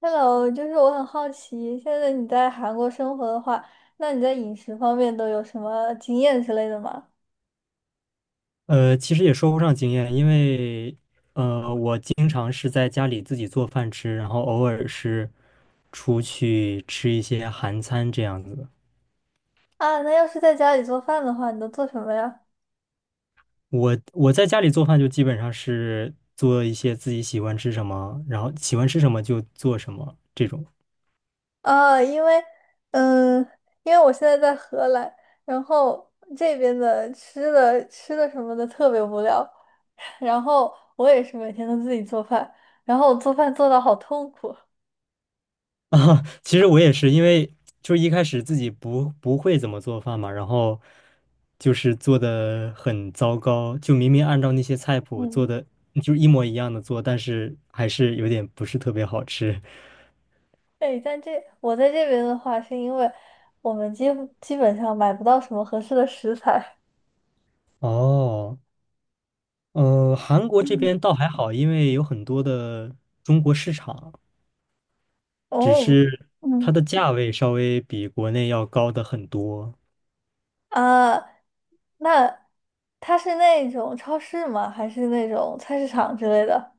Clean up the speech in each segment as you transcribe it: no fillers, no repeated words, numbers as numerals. Hello，就是我很好奇，现在你在韩国生活的话，那你在饮食方面都有什么经验之类的吗？其实也说不上经验，因为我经常是在家里自己做饭吃，然后偶尔是出去吃一些韩餐这样子的。啊，那要是在家里做饭的话，你都做什么呀？我在家里做饭就基本上是做一些自己喜欢吃什么，然后喜欢吃什么就做什么这种。啊，嗯，因为我现在在荷兰，然后这边的吃的什么的特别无聊，然后我也是每天都自己做饭，然后我做饭做到好痛苦，啊，其实我也是，因为就是一开始自己不会怎么做饭嘛，然后就是做的很糟糕，就明明按照那些菜谱做嗯。的，就是一模一样的做，但是还是有点不是特别好吃。对，我在这边的话，是因为我们基本上买不到什么合适的食材，哦，韩国这嗯边倒还好，因为有很多的中国市场，只哦，是它嗯，的价位稍微比国内要高的很多。啊，那它是那种超市吗？还是那种菜市场之类的？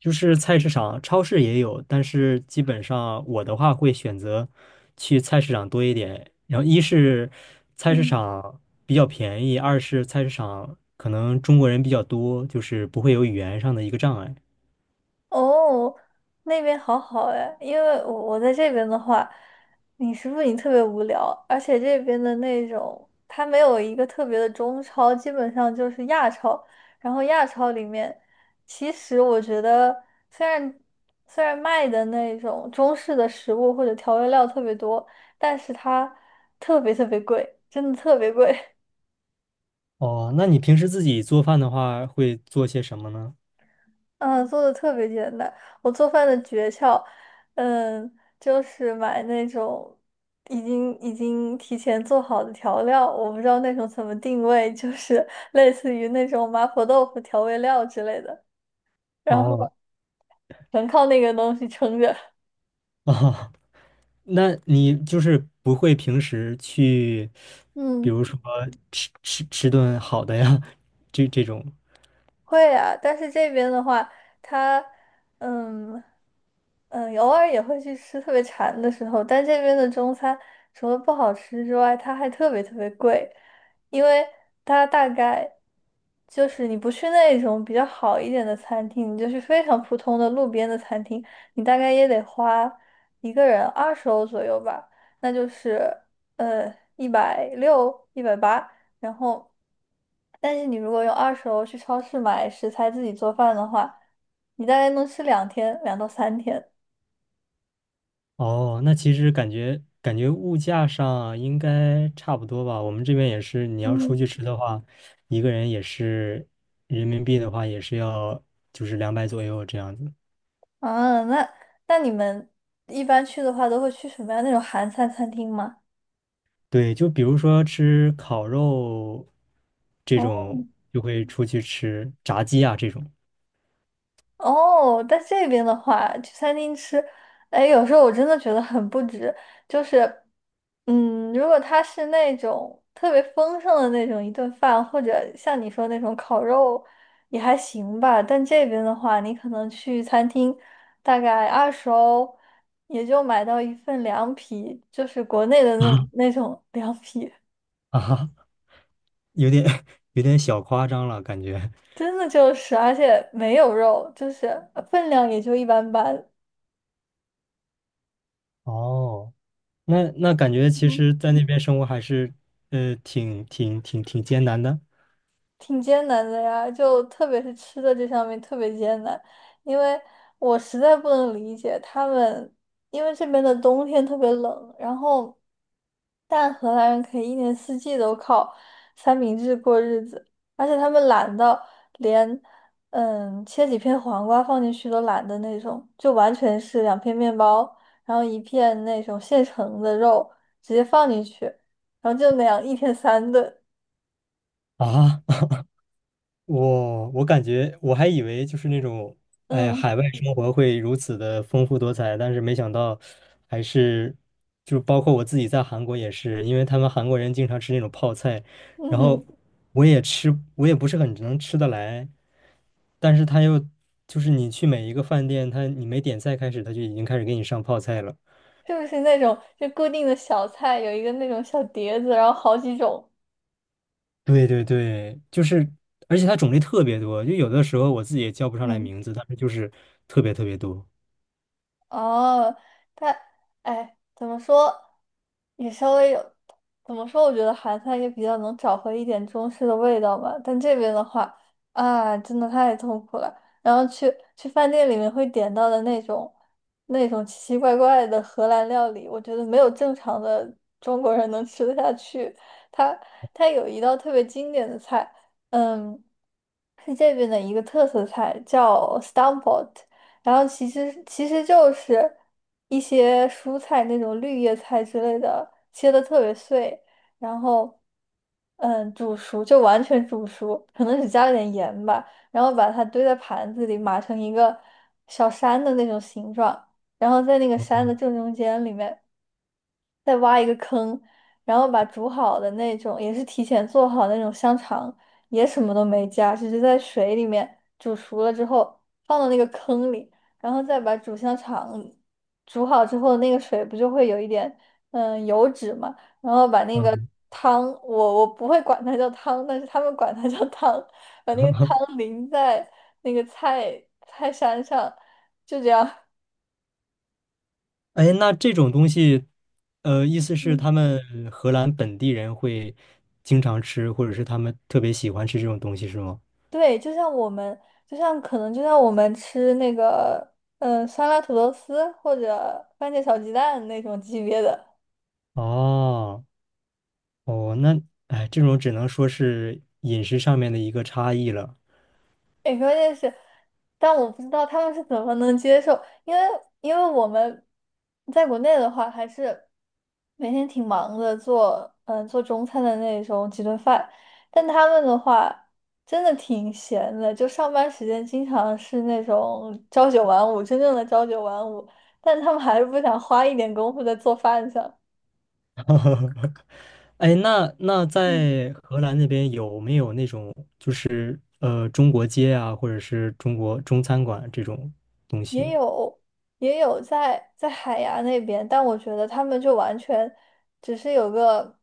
就是菜市场、超市也有，但是基本上我的话会选择去菜市场多一点。然后一是菜市嗯。场比较便宜，二是菜市场可能中国人比较多，就是不会有语言上的一个障碍。哦，那边好好哎，因为我在这边的话，你食不你特别无聊，而且这边的那种它没有一个特别的中超，基本上就是亚超。然后亚超里面，其实我觉得虽然虽然卖的那种中式的食物或者调味料特别多，但是它特别特别贵，真的特别贵。哦，那你平时自己做饭的话会做些什么呢？嗯，做的特别简单。我做饭的诀窍，嗯，就是买那种已经提前做好的调料，我不知道那种怎么定位，就是 类似于那种麻婆豆腐调味料之类的，然后哦全靠那个东西撑着。哦，那你就是不会平时去，比嗯。如说吃顿好的呀，这种。会啊，但是这边的话，它，嗯偶尔也会去吃特别馋的时候，但这边的中餐除了不好吃之外，它还特别特别贵，因为它大概就是你不去那种比较好一点的餐厅，你就去非常普通的路边的餐厅，你大概也得花一个人二十欧左右吧，那就是160、180然后，但是你如果用二手楼去超市买食材自己做饭的话，你大概能吃2天，2到3天。哦，那其实感觉物价上啊应该差不多吧。我们这边也是，你要出嗯，去吃的话，一个人也是人民币的话，也是要就是200左右这样子。啊，那你们一般去的话，都会去什么样那种韩餐餐厅吗？对，就比如说吃烤肉这哦。种，就会出去吃炸鸡啊这种。哦，在这边的话，去餐厅吃，哎，有时候我真的觉得很不值。就是，如果它是那种特别丰盛的那种一顿饭，或者像你说那种烤肉，也还行吧。但这边的话，你可能去餐厅，大概二十欧，也就买到一份凉皮，就是国内的那啊 那种凉皮，啊哈有点 有点小夸张了，感觉。真的就是，而且没有肉，就是分量也就一般般。哦，那那感觉其实，在那边生活还是挺艰难的挺艰难的呀，就特别是吃的这上面特别艰难，因为我实在不能理解他们，因为这边的冬天特别冷，然后但荷兰人可以一年四季都靠三明治过日子，而且他们懒到连切几片黄瓜放进去都懒得那种，就完全是两片面包，然后一片那种现成的肉直接放进去，然后就那样一天三顿，啊。我感觉我还以为就是那种，哎呀，嗯海外生活会如此的丰富多彩，但是没想到还是，就包括我自己在韩国也是，因为他们韩国人经常吃那种泡菜，然嗯 后 我也吃，我也不是很能吃得来，但是他又就是你去每一个饭店，他你没点菜开始，他就已经开始给你上泡菜了。就是那种就固定的小菜，有一个那种小碟子，然后好几种。对对对，就是，而且它种类特别多，就有的时候我自己也叫不上来嗯，名字，但是就是特别特别多。哦，但哎，怎么说，也稍微有，怎么说？我觉得韩餐也比较能找回一点中式的味道吧。但这边的话，啊，真的太痛苦了。然后去饭店里面会点到的那种奇奇怪怪的荷兰料理，我觉得没有正常的中国人能吃得下去。它它有一道特别经典的菜，嗯，是这边的一个特色菜，叫 stamppot。然后其实就是一些蔬菜那种绿叶菜之类的，切的特别碎，然后煮熟就完全煮熟，可能只加了点盐吧，然后把它堆在盘子里码成一个小山的那种形状，然后在那个山的正 中间里面，再挖一个坑，然后把煮好的那种，也是提前做好的那种香肠，也什么都没加，只是在水里面煮熟了之后放到那个坑里，然后再把煮香肠煮好之后，那个水不就会有一点油脂嘛，然后把那个哦 汤，我不会管它叫汤，但是他们管它叫汤，把那个 汤淋在那个菜山上，就这样。哎，那这种东西，呃，意思是他 们荷兰本地人会经常吃，或者是他们特别喜欢吃这种东西，是吗？对，就像我们，就像可能就像我们吃那个，酸辣土豆丝或者番茄炒鸡蛋那种级别的。哦，哦，那哎，这种只能说是饮食上面的一个差异了。哎，关键是，但我不知道他们是怎么能接受，因为因为我们在国内的话，还是每天挺忙的做中餐的那种几顿饭，但他们的话真的挺闲的，就上班时间经常是那种朝九晚五，真正的朝九晚五，但他们还是不想花一点功夫在做饭上。哎，那那在荷兰那边有没有那种就是中国街啊，或者是中国中餐馆这种东也西？有也有在海牙那边，但我觉得他们就完全只是有个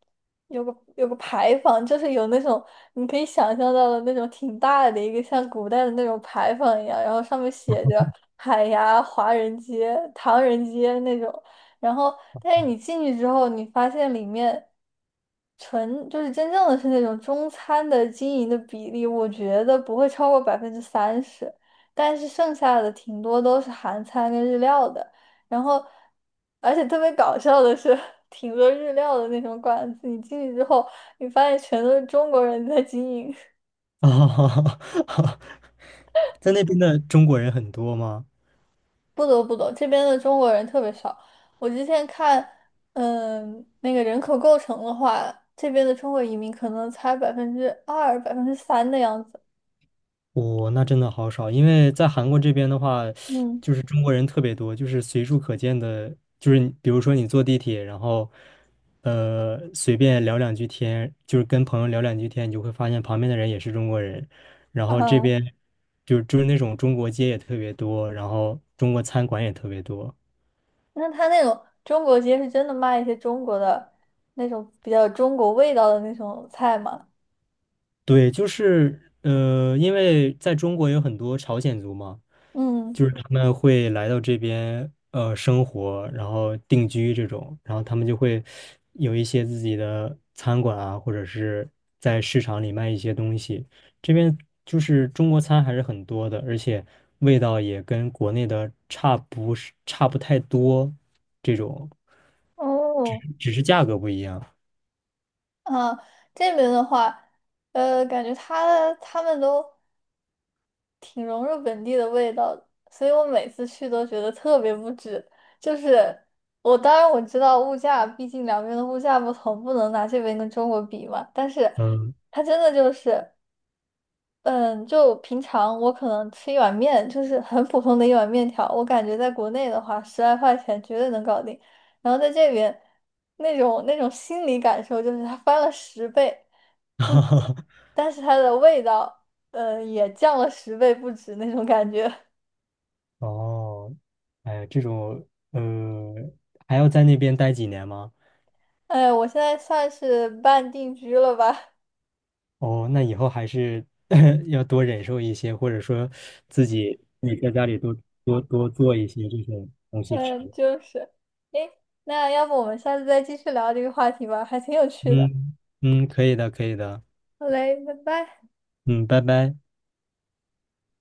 有个有个牌坊，就是有那种你可以想象到的那种挺大的一个像古代的那种牌坊一样，然后上面写着海牙华人街、唐人街那种，然后但是你进去之后，你发现里面，纯就是真正的是那种中餐的经营的比例，我觉得不会超过30%。但是剩下的挺多都是韩餐跟日料的，然后，而且特别搞笑的是，挺多日料的那种馆子，你进去之后，你发现全都是中国人在经营，啊，在那边的中国人很多吗？不得不懂，这边的中国人特别少。我之前看，那个人口构成的话，这边的中国移民可能才2%、百分之三的样子。哦，那真的好少，因为在韩国这边的话，嗯，就是中国人特别多，就是随处可见的，就是你比如说你坐地铁，然后随便聊两句天，就是跟朋友聊两句天，你就会发现旁边的人也是中国人，然后这啊，边就是那种中国街也特别多，然后中国餐馆也特别多。那他那种中国街是真的卖一些中国的那种比较有中国味道的那种菜吗？对，就是因为在中国有很多朝鲜族嘛。嗯，就是他们会来到这边生活，然后定居这种，然后他们就会有一些自己的餐馆啊，或者是在市场里卖一些东西。这边就是中国餐还是很多的，而且味道也跟国内的差不太多，这种哦，只是价格不一样。啊，这边的话，感觉他们都挺融入本地的味道的，所以我每次去都觉得特别不值。就是我当然我知道物价，毕竟两边的物价不同，不能拿这边跟中国比嘛。但是嗯，它真的就是。嗯，就平常我可能吃一碗面，就是很普通的一碗面条，我感觉在国内的话，10来块钱绝对能搞定。然后在这边，那种心理感受就是它翻了十倍不止，但是它的味道，也降了十倍不止那种感觉。哦，哎，这种呃，还要在那边待几年吗？哎，我现在算是半定居了吧？哦，那以后还是 要多忍受一些，或者说自己你在家里多做一些这种东西吃。嗯，就是。诶，那要不我们下次再继续聊这个话题吧，还挺有趣的。嗯嗯，可以的，可以的。好嘞，拜拜。嗯，拜拜。